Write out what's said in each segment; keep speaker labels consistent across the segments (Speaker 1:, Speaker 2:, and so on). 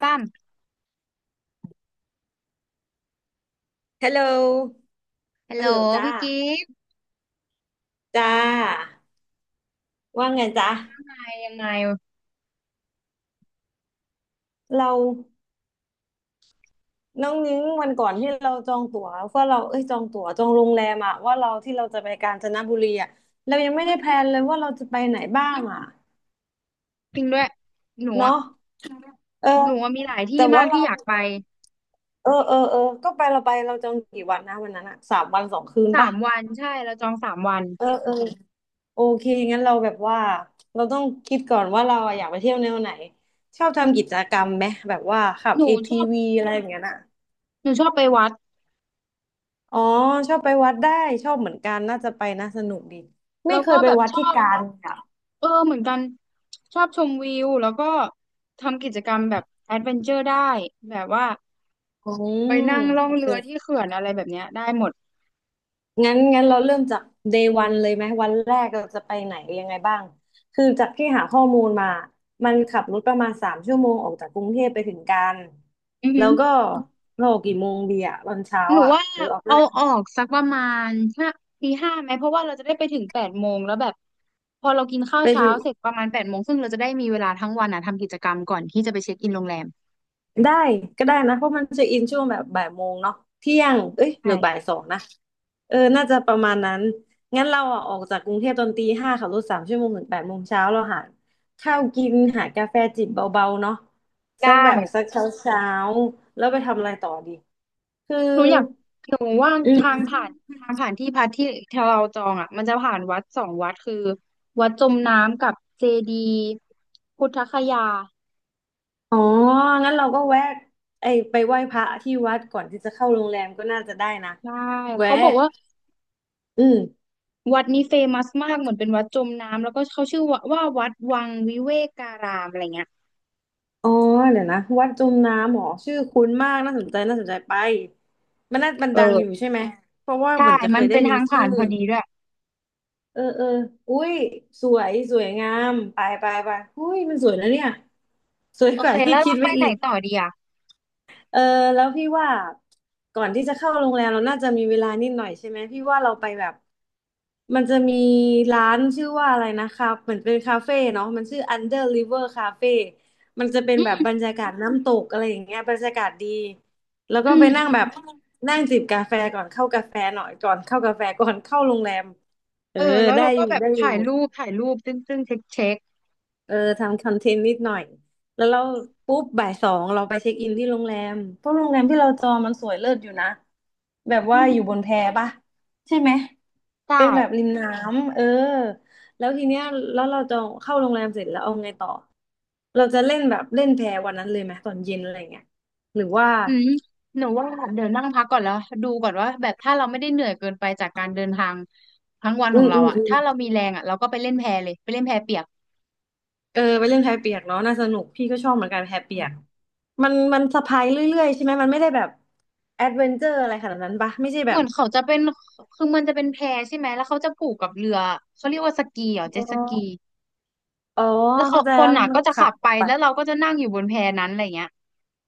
Speaker 1: ตั้ม
Speaker 2: ฮัลโหล
Speaker 1: ฮัลโห
Speaker 2: ฮั
Speaker 1: ล
Speaker 2: ลโหลจ้า
Speaker 1: พี่กิฟต์
Speaker 2: จ้าว่าไงจ้า
Speaker 1: ไปยังไง
Speaker 2: เราน้องนิ้งวันก่อนที่เราจองตั๋วว่าเราเอ้ยจองตั๋วจองโรงแรมอะว่าเราที่เราจะไปกาญจนบุรีอะเรายังไม่
Speaker 1: อื
Speaker 2: ได้แพล
Speaker 1: ม
Speaker 2: นเลยว่าเราจะไปไหนบ้างอะ
Speaker 1: จริงด้วย หนูอะ
Speaker 2: เนาะเออ
Speaker 1: หนูอะมีหลาย
Speaker 2: แต่
Speaker 1: ที่มา
Speaker 2: ว่า
Speaker 1: ก
Speaker 2: เรา
Speaker 1: ที่อยากไป
Speaker 2: เออก็ไปเราไปเราจองกี่วันนะวันนั้นอะสามวันสองคืน
Speaker 1: สา
Speaker 2: ปะ
Speaker 1: มวันใช่เราจองสามวัน
Speaker 2: เออเออโอเคงั้นเราแบบว่าเราต้องคิดก่อนว่าเราอะอยากไปเที่ยวแนวไหนชอบทำกิจกรรมไหมแบบว่าขับ
Speaker 1: หนูชอบ
Speaker 2: ATV อทีวีอะไรอย่างเงี้ยน่ะ
Speaker 1: หนูชอบไปวัด
Speaker 2: อ๋อชอบไปวัดได้ชอบเหมือนกันน่าจะไปนะสนุกดีไม่
Speaker 1: แล้ว
Speaker 2: เค
Speaker 1: ก็
Speaker 2: ยไป
Speaker 1: แบบ
Speaker 2: วัด
Speaker 1: ช
Speaker 2: ที่
Speaker 1: อบ
Speaker 2: กาญอ่ะ
Speaker 1: เออเหมือนกันชอบชมวิว แล้วก็ทำกิจกรรมแบบแอดเวนเจอร์ได้ แบบว่า
Speaker 2: อื
Speaker 1: ไป
Speaker 2: ม
Speaker 1: นั่งล่อ
Speaker 2: โอ
Speaker 1: ง
Speaker 2: เค
Speaker 1: เรือที่เขื่อนอะไรแบบเนี้ยได้หมด
Speaker 2: งั้นเราเริ่มจาก day one เลยไหมวันแรกเราจะไปไหนยังไงบ้างคือจากที่หาข้อมูลมามันขับรถประมาณสามชั่วโมงออกจากกรุงเทพไปถึงกาญ
Speaker 1: อือฮึ
Speaker 2: แล้วก็เราออกกี่โมงดีอ่ะตอนเช้า
Speaker 1: หนู
Speaker 2: อ่ะ
Speaker 1: ว่า
Speaker 2: หรือออก
Speaker 1: เอาออกสักประมาณห้าตี 5ไหมเพราะว่าเราจะได้ไปถึงแปดโมงแล้วแบบพอเรากินข้าว
Speaker 2: ไป
Speaker 1: เช้า
Speaker 2: ดู
Speaker 1: เสร็จประมาณแปดโมงซึ่งเราจะได้มีเวลาทั้งวันอ่ะทำกิจกรรมก่อนที่จะไปเช็คอินโรงแรม
Speaker 2: ได้ก็ได้นะเพราะมันจะอินช่วงแบบบ่ายโมงเนาะเที่ยงเอ้ยหรือบ่าย
Speaker 1: ใช่
Speaker 2: สองนะเออน่าจะประมาณนั้นงั้นเราอ่ะออกจากกรุงเทพตอนตีห้าขับรถสามชั่วโมงถึงแปดโมงเช้าเราหาข้าวกินหากาแฟจิบเบาๆเนาะ
Speaker 1: ได้
Speaker 2: สักแบบสักเช้าเช้าแล้วไปทำอะไรต่อดีคือ
Speaker 1: หนูอยากหนูว่า
Speaker 2: อื
Speaker 1: ทา
Speaker 2: ม
Speaker 1: งผ่านทางผ่านที่พักที่เราจองอ่ะมันจะผ่านวัด2 วัดคือวัดจมน้ำกับเจดีย์พุทธคยา
Speaker 2: อ๋องั้นเราก็แวะไอไปไหว้พระที่วัดก่อนที่จะเข้าโรงแรมก็น่าจะได้นะ
Speaker 1: ใช่
Speaker 2: แวะ
Speaker 1: เขาบอกว่า
Speaker 2: อืม
Speaker 1: วัดนี้เฟมัสมากเหมือนเป็นวัดจมน้ำแล้วก็เขาชื่อว่าวัดวังวิเวการามอะไรเงี้ย
Speaker 2: อ๋อเดี๋ยวนะวัดจมน้ำเหรอชื่อคุ้นมากน่าสนใจน่าสนใจไปมันน่ามัน
Speaker 1: เออ
Speaker 2: ดังอยู่ใช่ไหมเพราะว่า
Speaker 1: ใช่
Speaker 2: เหมือนจะเค
Speaker 1: มัน
Speaker 2: ยได้
Speaker 1: เป็น
Speaker 2: ยิ
Speaker 1: ทา
Speaker 2: น
Speaker 1: งผ่า
Speaker 2: ชื่อ
Speaker 1: นพอดีด้วย
Speaker 2: เออเอออุ้ยสวยสวยงามไปไปไปอุ้ยมันสวยนะเนี่ยสวย
Speaker 1: โอ
Speaker 2: ก
Speaker 1: เค
Speaker 2: ว่าที่
Speaker 1: แล้ว
Speaker 2: คิ
Speaker 1: เรา
Speaker 2: ด
Speaker 1: ไป
Speaker 2: ไว้
Speaker 1: ไหน
Speaker 2: อีก
Speaker 1: ต่อดีอ่ะ
Speaker 2: เออแล้วพี่ว่าก่อนที่จะเข้าโรงแรมเราน่าจะมีเวลานิดหน่อยใช่ไหมพี่ว่าเราไปแบบมันจะมีร้านชื่อว่าอะไรนะคะเหมือนเป็นคาเฟ่เนาะมันชื่อ Under River Cafe มันจะเป็น
Speaker 1: อื
Speaker 2: แบบ
Speaker 1: ม
Speaker 2: บรรยากาศน้ำตกอะไรอย่างเงี้ยบรรยากาศดีแล้ว
Speaker 1: อื
Speaker 2: ก็
Speaker 1: ม
Speaker 2: ไป
Speaker 1: อื
Speaker 2: นั่ง
Speaker 1: ม
Speaker 2: แบบนั่งจิบกาแฟก่อนเข้ากาแฟหน่อยก่อนเข้ากาแฟก่อนเข้าโรงแรมเอ
Speaker 1: เอ
Speaker 2: อ
Speaker 1: อแล้ว
Speaker 2: ได้
Speaker 1: เรา
Speaker 2: อ
Speaker 1: ก็
Speaker 2: ยู่
Speaker 1: แบบ
Speaker 2: ได้อยู่
Speaker 1: ถ่ายรูปถ่ายรูปซึ่งเช็ค
Speaker 2: เออทำคอนเทนต์นิดหน่อยแล้วเราปุ๊บบ่ายสองเราไปเช็คอินที่โรงแรมเพราะโรงแรมที่เราจองมันสวยเลิศอยู่นะแบบ
Speaker 1: อื
Speaker 2: ว่าอยู่
Speaker 1: ม
Speaker 2: บนแพปะใช่ไหม
Speaker 1: ได้
Speaker 2: เป็นแบบริมน้ำเออแล้วทีเนี้ยแล้วเราจองเข้าโรงแรมเสร็จแล้วเอาไงต่อเราจะเล่นแบบเล่นแพวันนั้นเลยไหมตอนเย็นอะไรเงี้ยหรือว่า
Speaker 1: อืมหนูว่าเดี๋ยวนั่งพักก่อนแล้วดูก่อนว่าแบบถ้าเราไม่ได้เหนื่อยเกินไปจากการเดินทางทั้งวัน
Speaker 2: อื
Speaker 1: ของ
Speaker 2: ม
Speaker 1: เรา
Speaker 2: อืม
Speaker 1: อ่ะ
Speaker 2: อืม
Speaker 1: ถ้าเรามีแรงอ่ะเราก็ไปเล่นแพเลยไปเล่นแพเปียก
Speaker 2: เออไปเล่นแพเปียกเนาะน่าสนุกพี่ก็ชอบเหมือนกันแพเปียกมันสะพายเรื่อยๆใช่ไหมมันไม่ได้แบบแอดเวนเจอร์อะไรขนาดนั้นปะไม่ใช่แบ
Speaker 1: เหมื
Speaker 2: บ
Speaker 1: อนเขาจะเป็นคือมันจะเป็นแพใช่ไหมแล้วเขาจะผูกกับเรือเขาเรียกว่าสกีเหรอเจ็
Speaker 2: อ๋
Speaker 1: ตสกี
Speaker 2: ออ๋อ
Speaker 1: แล้วเขา
Speaker 2: เข้าใจ
Speaker 1: ค
Speaker 2: แล้
Speaker 1: น
Speaker 2: วแล้ว
Speaker 1: อ่ะ
Speaker 2: มัน
Speaker 1: ก็
Speaker 2: ก็
Speaker 1: จะขับ
Speaker 2: ขำอ
Speaker 1: ไป
Speaker 2: อกไป
Speaker 1: แล้วเราก็จะนั่งอยู่บนแพนั้นอะไรเงี้ย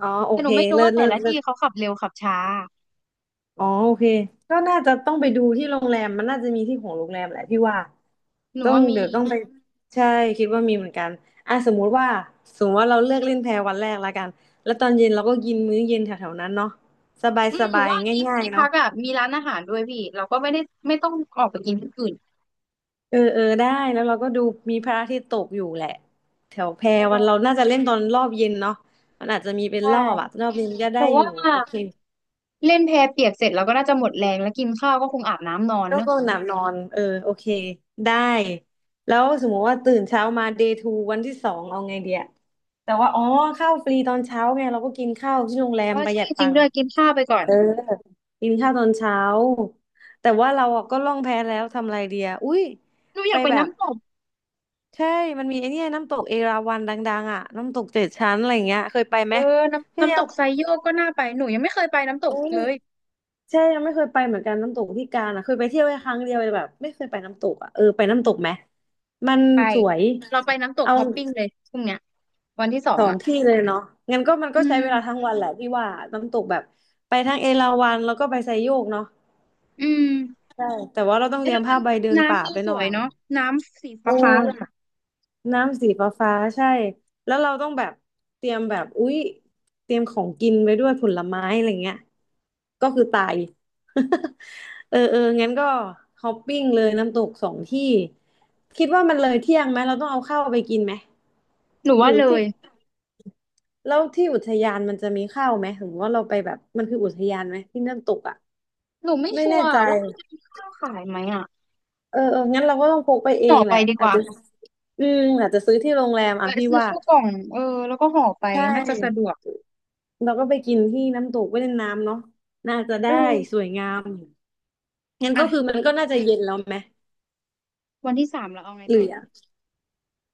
Speaker 2: อ๋อโอ
Speaker 1: แต่ห
Speaker 2: เค
Speaker 1: นูไม่รู้
Speaker 2: เลิ
Speaker 1: ว่า
Speaker 2: ศ
Speaker 1: แต่
Speaker 2: เลิศ
Speaker 1: ละ
Speaker 2: เลิ
Speaker 1: ที่
Speaker 2: ศ
Speaker 1: เขาขับเร็วขับช้า
Speaker 2: อ๋อโอเคก็น่าจะต้องไปดูที่โรงแรมมันน่าจะมีที่ของโรงแรมแหละพี่ว่า
Speaker 1: หนู
Speaker 2: ต้อง
Speaker 1: ว่ามี
Speaker 2: เดี๋ยวต้องไปใช่คิดว่ามีเหมือนกันอ่ะสมมติว่าเราเลือกเล่นแพวันแรกละกันแล้วตอนเย็นเราก็กินมื้อเย็นแถวๆนั้นเนาะสบาย
Speaker 1: อื
Speaker 2: ส
Speaker 1: มหนู
Speaker 2: บาย
Speaker 1: ว่าที่
Speaker 2: ง่าย
Speaker 1: ที่
Speaker 2: ๆ
Speaker 1: พั
Speaker 2: เนาะ
Speaker 1: กอ่ะมีร้านอาหารด้วยพี่เราก็ไม่ได้ไม่ต้องออกไปกินที่อื่น
Speaker 2: เออเออได้แล้วเราก็ดูมีพระอาทิตย์ตกอยู่แหละแถวแพ
Speaker 1: เอ
Speaker 2: วัน
Speaker 1: อ
Speaker 2: เราน่าจะเล่นตอนรอบเย็นเนาะมันอาจจะมีเป็
Speaker 1: ใ
Speaker 2: นรอบอะ
Speaker 1: ช่
Speaker 2: รอบเย็นก็
Speaker 1: ห
Speaker 2: ได้
Speaker 1: นู
Speaker 2: อยู่
Speaker 1: ว่า
Speaker 2: โอเค
Speaker 1: เล่นแพเปียกเสร็จเราก็น่าจะหมดแรงแล้วกินข้าวก็คงอาบน้ำนอน
Speaker 2: โร
Speaker 1: เน
Speaker 2: ค
Speaker 1: อะ
Speaker 2: ลมหนาวนอนเออโอเคได้แล้วสมมติว่าตื่นเช้ามา day two วันที่สองเอาไงเดียแต่ว่าอ๋อข้าวฟรีตอนเช้าไงเราก็กินข้าวที่โรงแรม
Speaker 1: ก็
Speaker 2: ประห
Speaker 1: ใช่
Speaker 2: ยัด
Speaker 1: จ
Speaker 2: ตั
Speaker 1: ริง
Speaker 2: ง
Speaker 1: ด้
Speaker 2: ค์
Speaker 1: วยกินข้าวไปก่อน
Speaker 2: เออกินข้าวตอนเช้าแต่ว่าเราอะก็ล่องแพแล้วทำอะไรเดียอุ้ย
Speaker 1: หนูอ
Speaker 2: ไป
Speaker 1: ยากไป
Speaker 2: แบบ
Speaker 1: น้ำตก
Speaker 2: ใช่มันมีไอเนี่ยน้ำตกเอราวัณดังๆอ่ะน้ำตกเจ็ดชั้นอะไรอย่างเงี้ยเคยไปไหม
Speaker 1: เออน้ำ
Speaker 2: พี่
Speaker 1: น้ำต
Speaker 2: ยัง
Speaker 1: กไซโยกก็น่าไปหนูยังไม่เคยไปน้ำตก
Speaker 2: โอ้
Speaker 1: เลย
Speaker 2: ใช่ยังไม่เคยไปเหมือนกันน้ำตกที่กาญอ่ะเคยไปเที่ยวแค่ครั้งเดียวเลยแบบไม่เคยไปน้ำตกอ่ะเออไปน้ำตกไหมมัน
Speaker 1: ไป
Speaker 2: สวย
Speaker 1: เราไปน้ำตก
Speaker 2: เอา
Speaker 1: ฮอปปิ้งเลยพรุ่งเนี้ยวันที่สอ
Speaker 2: ส
Speaker 1: ง
Speaker 2: อง
Speaker 1: อ่ะ
Speaker 2: ที่เลยเนาะงั้นก็มัน
Speaker 1: อื
Speaker 2: ก็ใช้เวลาทั้ง
Speaker 1: ม
Speaker 2: วันแหละพี่ว่าน้ำตกแบบไปทั้งเอราวัณแล้วก็ไปไซโยกเนาะ
Speaker 1: อืม
Speaker 2: ใช่แต่ว่าเราต้อง
Speaker 1: เอ
Speaker 2: เต
Speaker 1: อ
Speaker 2: รี
Speaker 1: แล้
Speaker 2: ยม
Speaker 1: วมั
Speaker 2: ผ้า
Speaker 1: น
Speaker 2: ใบเดินป่า
Speaker 1: น้ำดู
Speaker 2: ไป
Speaker 1: ส
Speaker 2: หน่อ
Speaker 1: วย
Speaker 2: ย
Speaker 1: เนาะน้ำสี
Speaker 2: เอ
Speaker 1: ฟ้าฟ้า
Speaker 2: อ
Speaker 1: ล่ะ
Speaker 2: น้ำสีฟ้าฟ้าใช่แล้วเราต้องแบบเตรียมแบบอุ๊ยเตรียมของกินไปด้วยผลไม้อะไรเงี้ยก็คือตาย เออเอองั้นก็ฮอปปิ้งเลยน้ำตกสองที่คิดว่ามันเลยเที่ยงไหมเราต้องเอาข้าวไปกินไหม
Speaker 1: หนู
Speaker 2: ห
Speaker 1: ว่า
Speaker 2: รือ
Speaker 1: เล
Speaker 2: ที่
Speaker 1: ย
Speaker 2: แล้วที่อุทยานมันจะมีข้าวไหมหรือว่าเราไปแบบมันคืออุทยานไหมที่น้ำตกอ่ะ
Speaker 1: หนูไม่
Speaker 2: ไม่
Speaker 1: ชั
Speaker 2: แน่
Speaker 1: ว
Speaker 2: ใจ
Speaker 1: ร์ว่าเขาจะมีข้าวขายไหมอ่ะ
Speaker 2: เออเอองั้นเราก็ต้องพกไปเอ
Speaker 1: ห่อ
Speaker 2: งแห
Speaker 1: ไป
Speaker 2: ละ
Speaker 1: ดีก
Speaker 2: อาจ
Speaker 1: ว่า
Speaker 2: จะอืมอาจจะซื้อที่โรงแรมอ่ะ
Speaker 1: แวะ
Speaker 2: พี่
Speaker 1: ซื้อ
Speaker 2: ว่า
Speaker 1: ข้าวกล่องเออแล้วก็ห่อไป
Speaker 2: ใช่
Speaker 1: น่าจะสะดวก
Speaker 2: เราก็ไปกินที่น้ำตกไปเล่นน้ำเนาะน่าจะ
Speaker 1: เอ
Speaker 2: ได้ส
Speaker 1: อ
Speaker 2: วยงามอยู่งั้นก็คือมั
Speaker 1: อ่ะ
Speaker 2: นก็น่าจะเย็นแล้วไหม
Speaker 1: วันที่ 3เราเอาไง
Speaker 2: หรื
Speaker 1: ต่อ
Speaker 2: อ
Speaker 1: ดีเนี่ย
Speaker 2: อ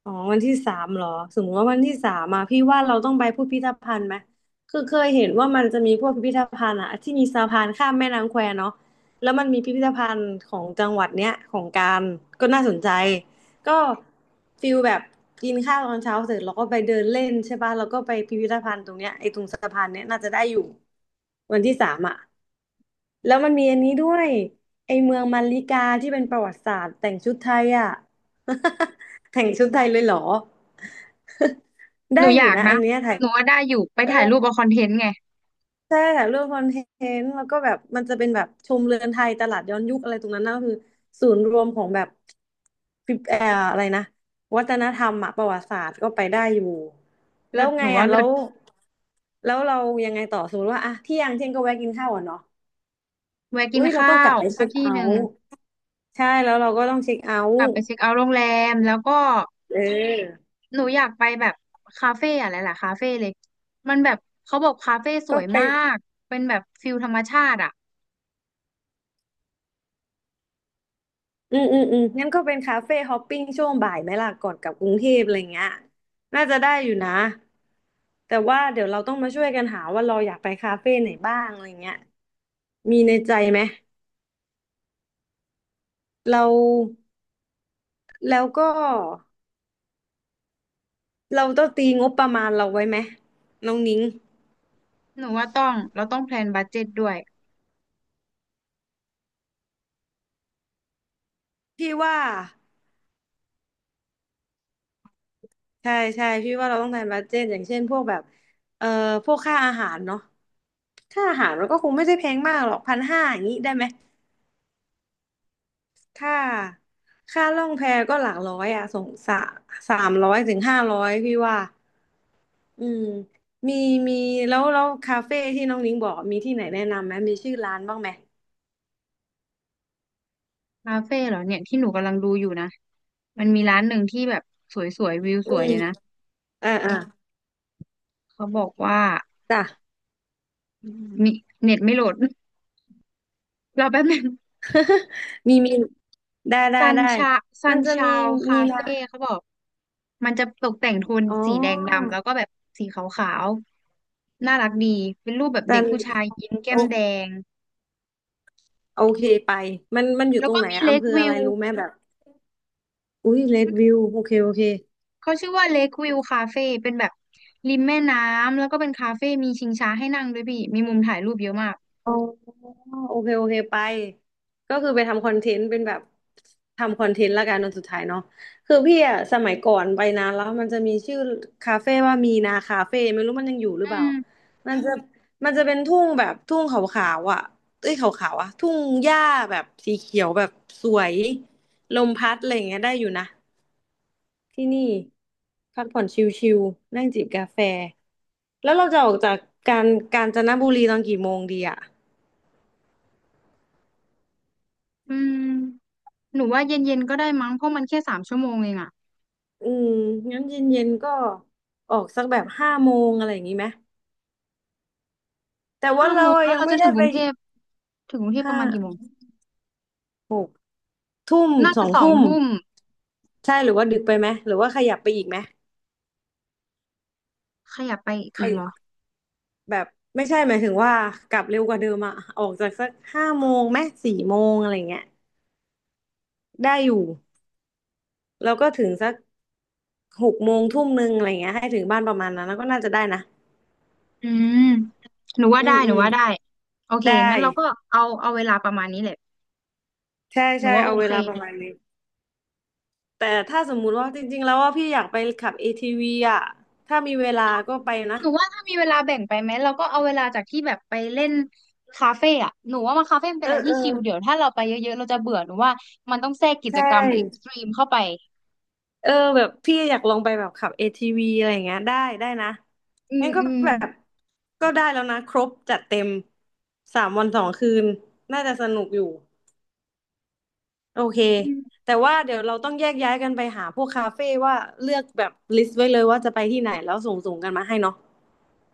Speaker 2: อ๋อวันที่สามเหรอสมมติว่าวันที่สามมาพี่ว่าเราต้องไปพิพิธภัณฑ์ไหมคือเคยเห็นว่ามันจะมีพวกพิพิธภัณฑ์อะที่มีสะพานข้ามแม่น้ำแควเนาะแล้วมันมีพิพิธภัณฑ์ของจังหวัดเนี้ยของการก็น่าสนใจก็ฟิลแบบกินข้าวตอนเช้าเสร็จเราก็ไปเดินเล่นใช่ป่ะแล้วก็ไปพิพิธภัณฑ์ตรงเนี้ยไอ้ตรงสะพานเนี้ยน่าจะได้อยู่ วันที่สามอ่ะแล้วมันมีอันนี้ด้วยไอเมืองมัลลิกาที่เป็นประวัติศาสตร์แต่งชุดไทยอ่ะ แต่งชุดไทยเลยเหรอ
Speaker 1: ห
Speaker 2: ได้
Speaker 1: นู
Speaker 2: อ
Speaker 1: อยา
Speaker 2: ยู่
Speaker 1: ก
Speaker 2: นะ
Speaker 1: นะ
Speaker 2: อันเนี้ยถ่าย
Speaker 1: หนูว่าได้อยู่ไป
Speaker 2: เออ
Speaker 1: ถ่ายรูปเอาคอนเทนต์ไง
Speaker 2: ใช่ถ่ายรูปคอนเทนต์แล้วก็แบบมันจะเป็นแบบชมเรือนไทยตลาดย้อนยุคอะไรตรงนั้นนะก็คือศูนย์รวมของแบบฟิเอ่ออะไรนะวัฒนธรรมอะประวัติศาสตร์ก็ไปได้อยู่แล้
Speaker 1: เลิ
Speaker 2: ว
Speaker 1: ศห
Speaker 2: ไง
Speaker 1: นูว่า
Speaker 2: อ่ะ
Speaker 1: เลิ
Speaker 2: แล้
Speaker 1: ศ
Speaker 2: วแล้วเรายังไงต่อสมมติว่าอะเที่ยงเที่ยงก็แวะกินข้าวอ่ะเนาะ
Speaker 1: แวะกิ
Speaker 2: อุ้
Speaker 1: น
Speaker 2: ยเรา
Speaker 1: ข้า
Speaker 2: ต้องกลับ
Speaker 1: ว
Speaker 2: ไป
Speaker 1: สั
Speaker 2: เช็
Speaker 1: ก
Speaker 2: ค
Speaker 1: ที่
Speaker 2: เอา
Speaker 1: หนึ่ง
Speaker 2: ท์ใช่แล้วเราก็ต้องเช็คเอา
Speaker 1: ก
Speaker 2: ท์
Speaker 1: ลับไปเช็คเอาท์โรงแรมแล้วก็
Speaker 2: เออ
Speaker 1: หนูอยากไปแบบคาเฟ่อะไรล่ะคาเฟ่เลยมันแบบเขาบอกคาเฟ่ส
Speaker 2: ก็
Speaker 1: วย
Speaker 2: ไป
Speaker 1: มากเป็นแบบฟิลธรรมชาติอ่ะ
Speaker 2: งั้นก็เป็นคาเฟ่ฮอปปิ้งช่วงบ่ายไหมล่ะก่อนกลับกรุงเทพอะไรเงี้ยน่าจะได้อยู่นะแต่ว่าเดี๋ยวเราต้องมาช่วยกันหาว่าเราอยากไปคาเฟ่ไหนบ้างอะไรเงี้ยมีในใจไหมเราแล้วก็เราต้องตีงบประมาณเราไว้ไหมน้องนิ้ง
Speaker 1: หนูว่าต้อง เราต้องแพลนบัดเจ็ตด้วย
Speaker 2: พี่ว่าใช่ใช่พี่ว่าเราต้องทำบัดเจ็ตอย่างเช่นพวกแบบเอ่อพวกค่าอาหารเนาะ ค่าอาหารมันก็คงไม่ใช่แพงมากหรอกพันห้าอย่างนี้ได้ไหมค่าค่าล่องแพก็หลักร้อยอ่ะสงสะสามร้อยถึงห้าร้อยพี่ว่าอืมมีมีแล้วคาเฟ่ที่น้องนิ้งบอกมีที่ไหนแนะนำไหมมีชื่อร้านบ้างไหม
Speaker 1: คาเฟ่เหรอเนี่ยที่หนูกำลังดูอยู่นะมันมีร้านหนึ่งที่แบบสวยๆวิว
Speaker 2: อื
Speaker 1: สวย
Speaker 2: ม
Speaker 1: เลยนะ
Speaker 2: อ่าอ่า
Speaker 1: เขาบอกว่า
Speaker 2: จ้ะ
Speaker 1: มีเน็ตไม่โหลด รอแป๊บนึง
Speaker 2: มีมีได้ได้
Speaker 1: ซัน
Speaker 2: ได้
Speaker 1: ชาซั
Speaker 2: มั
Speaker 1: น
Speaker 2: นจะ
Speaker 1: ชา
Speaker 2: มี
Speaker 1: ว
Speaker 2: มี
Speaker 1: คา
Speaker 2: ร้า
Speaker 1: เฟ่
Speaker 2: น
Speaker 1: เขาบอกมันจะตกแต่งโทน
Speaker 2: อ๋อ
Speaker 1: สีแดงดำแล้วก็แบบสีขาวๆน่ารักดีเป็นรูปแบบเด็
Speaker 2: จั
Speaker 1: ก
Speaker 2: น
Speaker 1: ผู้ชายยิ้มแก้
Speaker 2: โอ
Speaker 1: มแดง
Speaker 2: โอเคไปมันมันอยู่
Speaker 1: แล้
Speaker 2: ต
Speaker 1: ว
Speaker 2: รง
Speaker 1: ก็
Speaker 2: ไหน
Speaker 1: มี
Speaker 2: อะ
Speaker 1: เล
Speaker 2: อำ
Speaker 1: ค
Speaker 2: เภออะ
Speaker 1: วิ
Speaker 2: ไร
Speaker 1: ว
Speaker 2: รู้ไหมแบบอุ้ยเรดวิวโอเคโอเค
Speaker 1: เขาชื่อว่าเลควิวคาเฟ่เป็นแบบริมแม่น้ำแล้วก็เป็นคาเฟ่มีชิงช้าให้นั่งด้วยพี่มีมุมถ่ายรูปเยอะมาก
Speaker 2: อ๋อโอเคโอเคไปก็คือไปทำคอนเทนต์เป็นแบบทำคอนเทนต์ละกันตอนสุดท้ายเนาะคือพี่อะสมัยก่อนไปนานแล้วมันจะมีชื่อคาเฟ่ว่ามีนาคาเฟ่ไม่รู้มันยังอยู่หรือเป
Speaker 1: อื
Speaker 2: ล่า
Speaker 1: ม
Speaker 2: มันจะมันจะเป็นทุ่งแบบทุ่งขาวๆอ่ะเอ้ยขาวๆอ่ะทุ่งหญ้าแบบสีเขียวแบบสวยลมพัดอะไรอย่างเงี้ยได้อยู่นะที่นี่พักผ่อนชิลๆนั่งจิบกาแฟแล้วเราจะออกจากกาญกาญจนบุรีตอนกี่โมงดีอะ
Speaker 1: อืมหนูว่าเย็นๆก็ได้มั้งเพราะมันแค่3 ชั่วโมงเองอะ
Speaker 2: อืมงั้นเย็นๆก็ออกสักแบบห้าโมงอะไรอย่างนี้ไหมแต่ว่า
Speaker 1: ห้าโม
Speaker 2: เรา
Speaker 1: ง
Speaker 2: อะ
Speaker 1: แล้ว
Speaker 2: ยัง
Speaker 1: เรา
Speaker 2: ไม่
Speaker 1: จะ
Speaker 2: ได้
Speaker 1: ถึงก
Speaker 2: ไป
Speaker 1: รุงเทพถึงกรุงเทพป
Speaker 2: ห้า
Speaker 1: ระมาณกี่โมง
Speaker 2: หกทุ่ม
Speaker 1: น่า
Speaker 2: ส
Speaker 1: จะ
Speaker 2: อง
Speaker 1: สอง
Speaker 2: ทุ่ม
Speaker 1: ทุ่ม
Speaker 2: ใช่หรือว่าดึกไปไหมหรือว่าขยับไปอีกไหม
Speaker 1: ขยับไป
Speaker 2: ข
Speaker 1: อีกเหร
Speaker 2: ยั
Speaker 1: อ
Speaker 2: บแบบไม่ใช่หมายถึงว่ากลับเร็วกว่าเดิมอะออกจากสักห้าโมงไหมสี่โมงอะไรเงี้ยได้อยู่แล้วก็ถึงสักหกโมงทุ่มนึงอะไรเงี้ยให้ถึงบ้านประมาณนั้นแล้วก็น่าจะได้นะ
Speaker 1: อืมหนูว่า
Speaker 2: อื
Speaker 1: ได้
Speaker 2: ม
Speaker 1: ห
Speaker 2: อื
Speaker 1: นู
Speaker 2: ม
Speaker 1: ว่าได้โอเค
Speaker 2: ได้
Speaker 1: งั้นเราก็เอาเอาเวลาประมาณนี้แหละ
Speaker 2: ใช่
Speaker 1: หนู
Speaker 2: ใช่
Speaker 1: ว่าโอ
Speaker 2: เอาเว
Speaker 1: เค
Speaker 2: ลาประมาณนี้ แต่ถ้าสมมุติว่าจริงๆแล้วว่าพี่อยากไปขับ ATV อทีวีอ่ะถ้ามีเวลาก็ไปนะ
Speaker 1: หนูว่าถ้ามีเวลาแบ่งไปไหมเราก็เอาเวลาจากที่แบบไปเล่นคาเฟ่อะหนูว่ามาคาเฟ่มันเป็น
Speaker 2: เออ
Speaker 1: อะไร
Speaker 2: เอ
Speaker 1: ที่
Speaker 2: อ
Speaker 1: ชิลเดี๋ยวถ้าเราไปเยอะๆเราจะเบื่อหนูว่ามันต้องแทรกกิจ
Speaker 2: ใช่
Speaker 1: กรรมเอ็กซ์ตรีมเข้าไป
Speaker 2: เออแบบพี่อยากลองไปแบบขับ ATV อทีวีอะไรอย่างเงี้ยได้ได้นะ
Speaker 1: อืม
Speaker 2: งั้นก็
Speaker 1: อืม
Speaker 2: แบบก็ได้แล้วนะครบจัดเต็มสามวันสองคืนน่าจะสนุกอยู่โอเค
Speaker 1: อืม
Speaker 2: แต่ว่าเดี๋ยวเราต้องแยกย้ายกันไปหาพวกคาเฟ่ว่าเลือกแบบลิสต์ไว้เลยว่าจะไปที่ไหนแล้วส่งกันมาให้เนาะ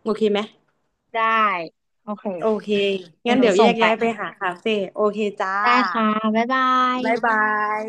Speaker 2: โอเคไหม
Speaker 1: ได้โอเค
Speaker 2: โอเค
Speaker 1: เดี๋
Speaker 2: งั้
Speaker 1: ยว
Speaker 2: น
Speaker 1: หนู
Speaker 2: เดี๋ยวแย
Speaker 1: ส่ง
Speaker 2: ก
Speaker 1: ไป
Speaker 2: ย้ายไปหาคาเฟ่โอเคจ้า
Speaker 1: ได้ค่ะบ๊ายบาย
Speaker 2: บ๊ายบาย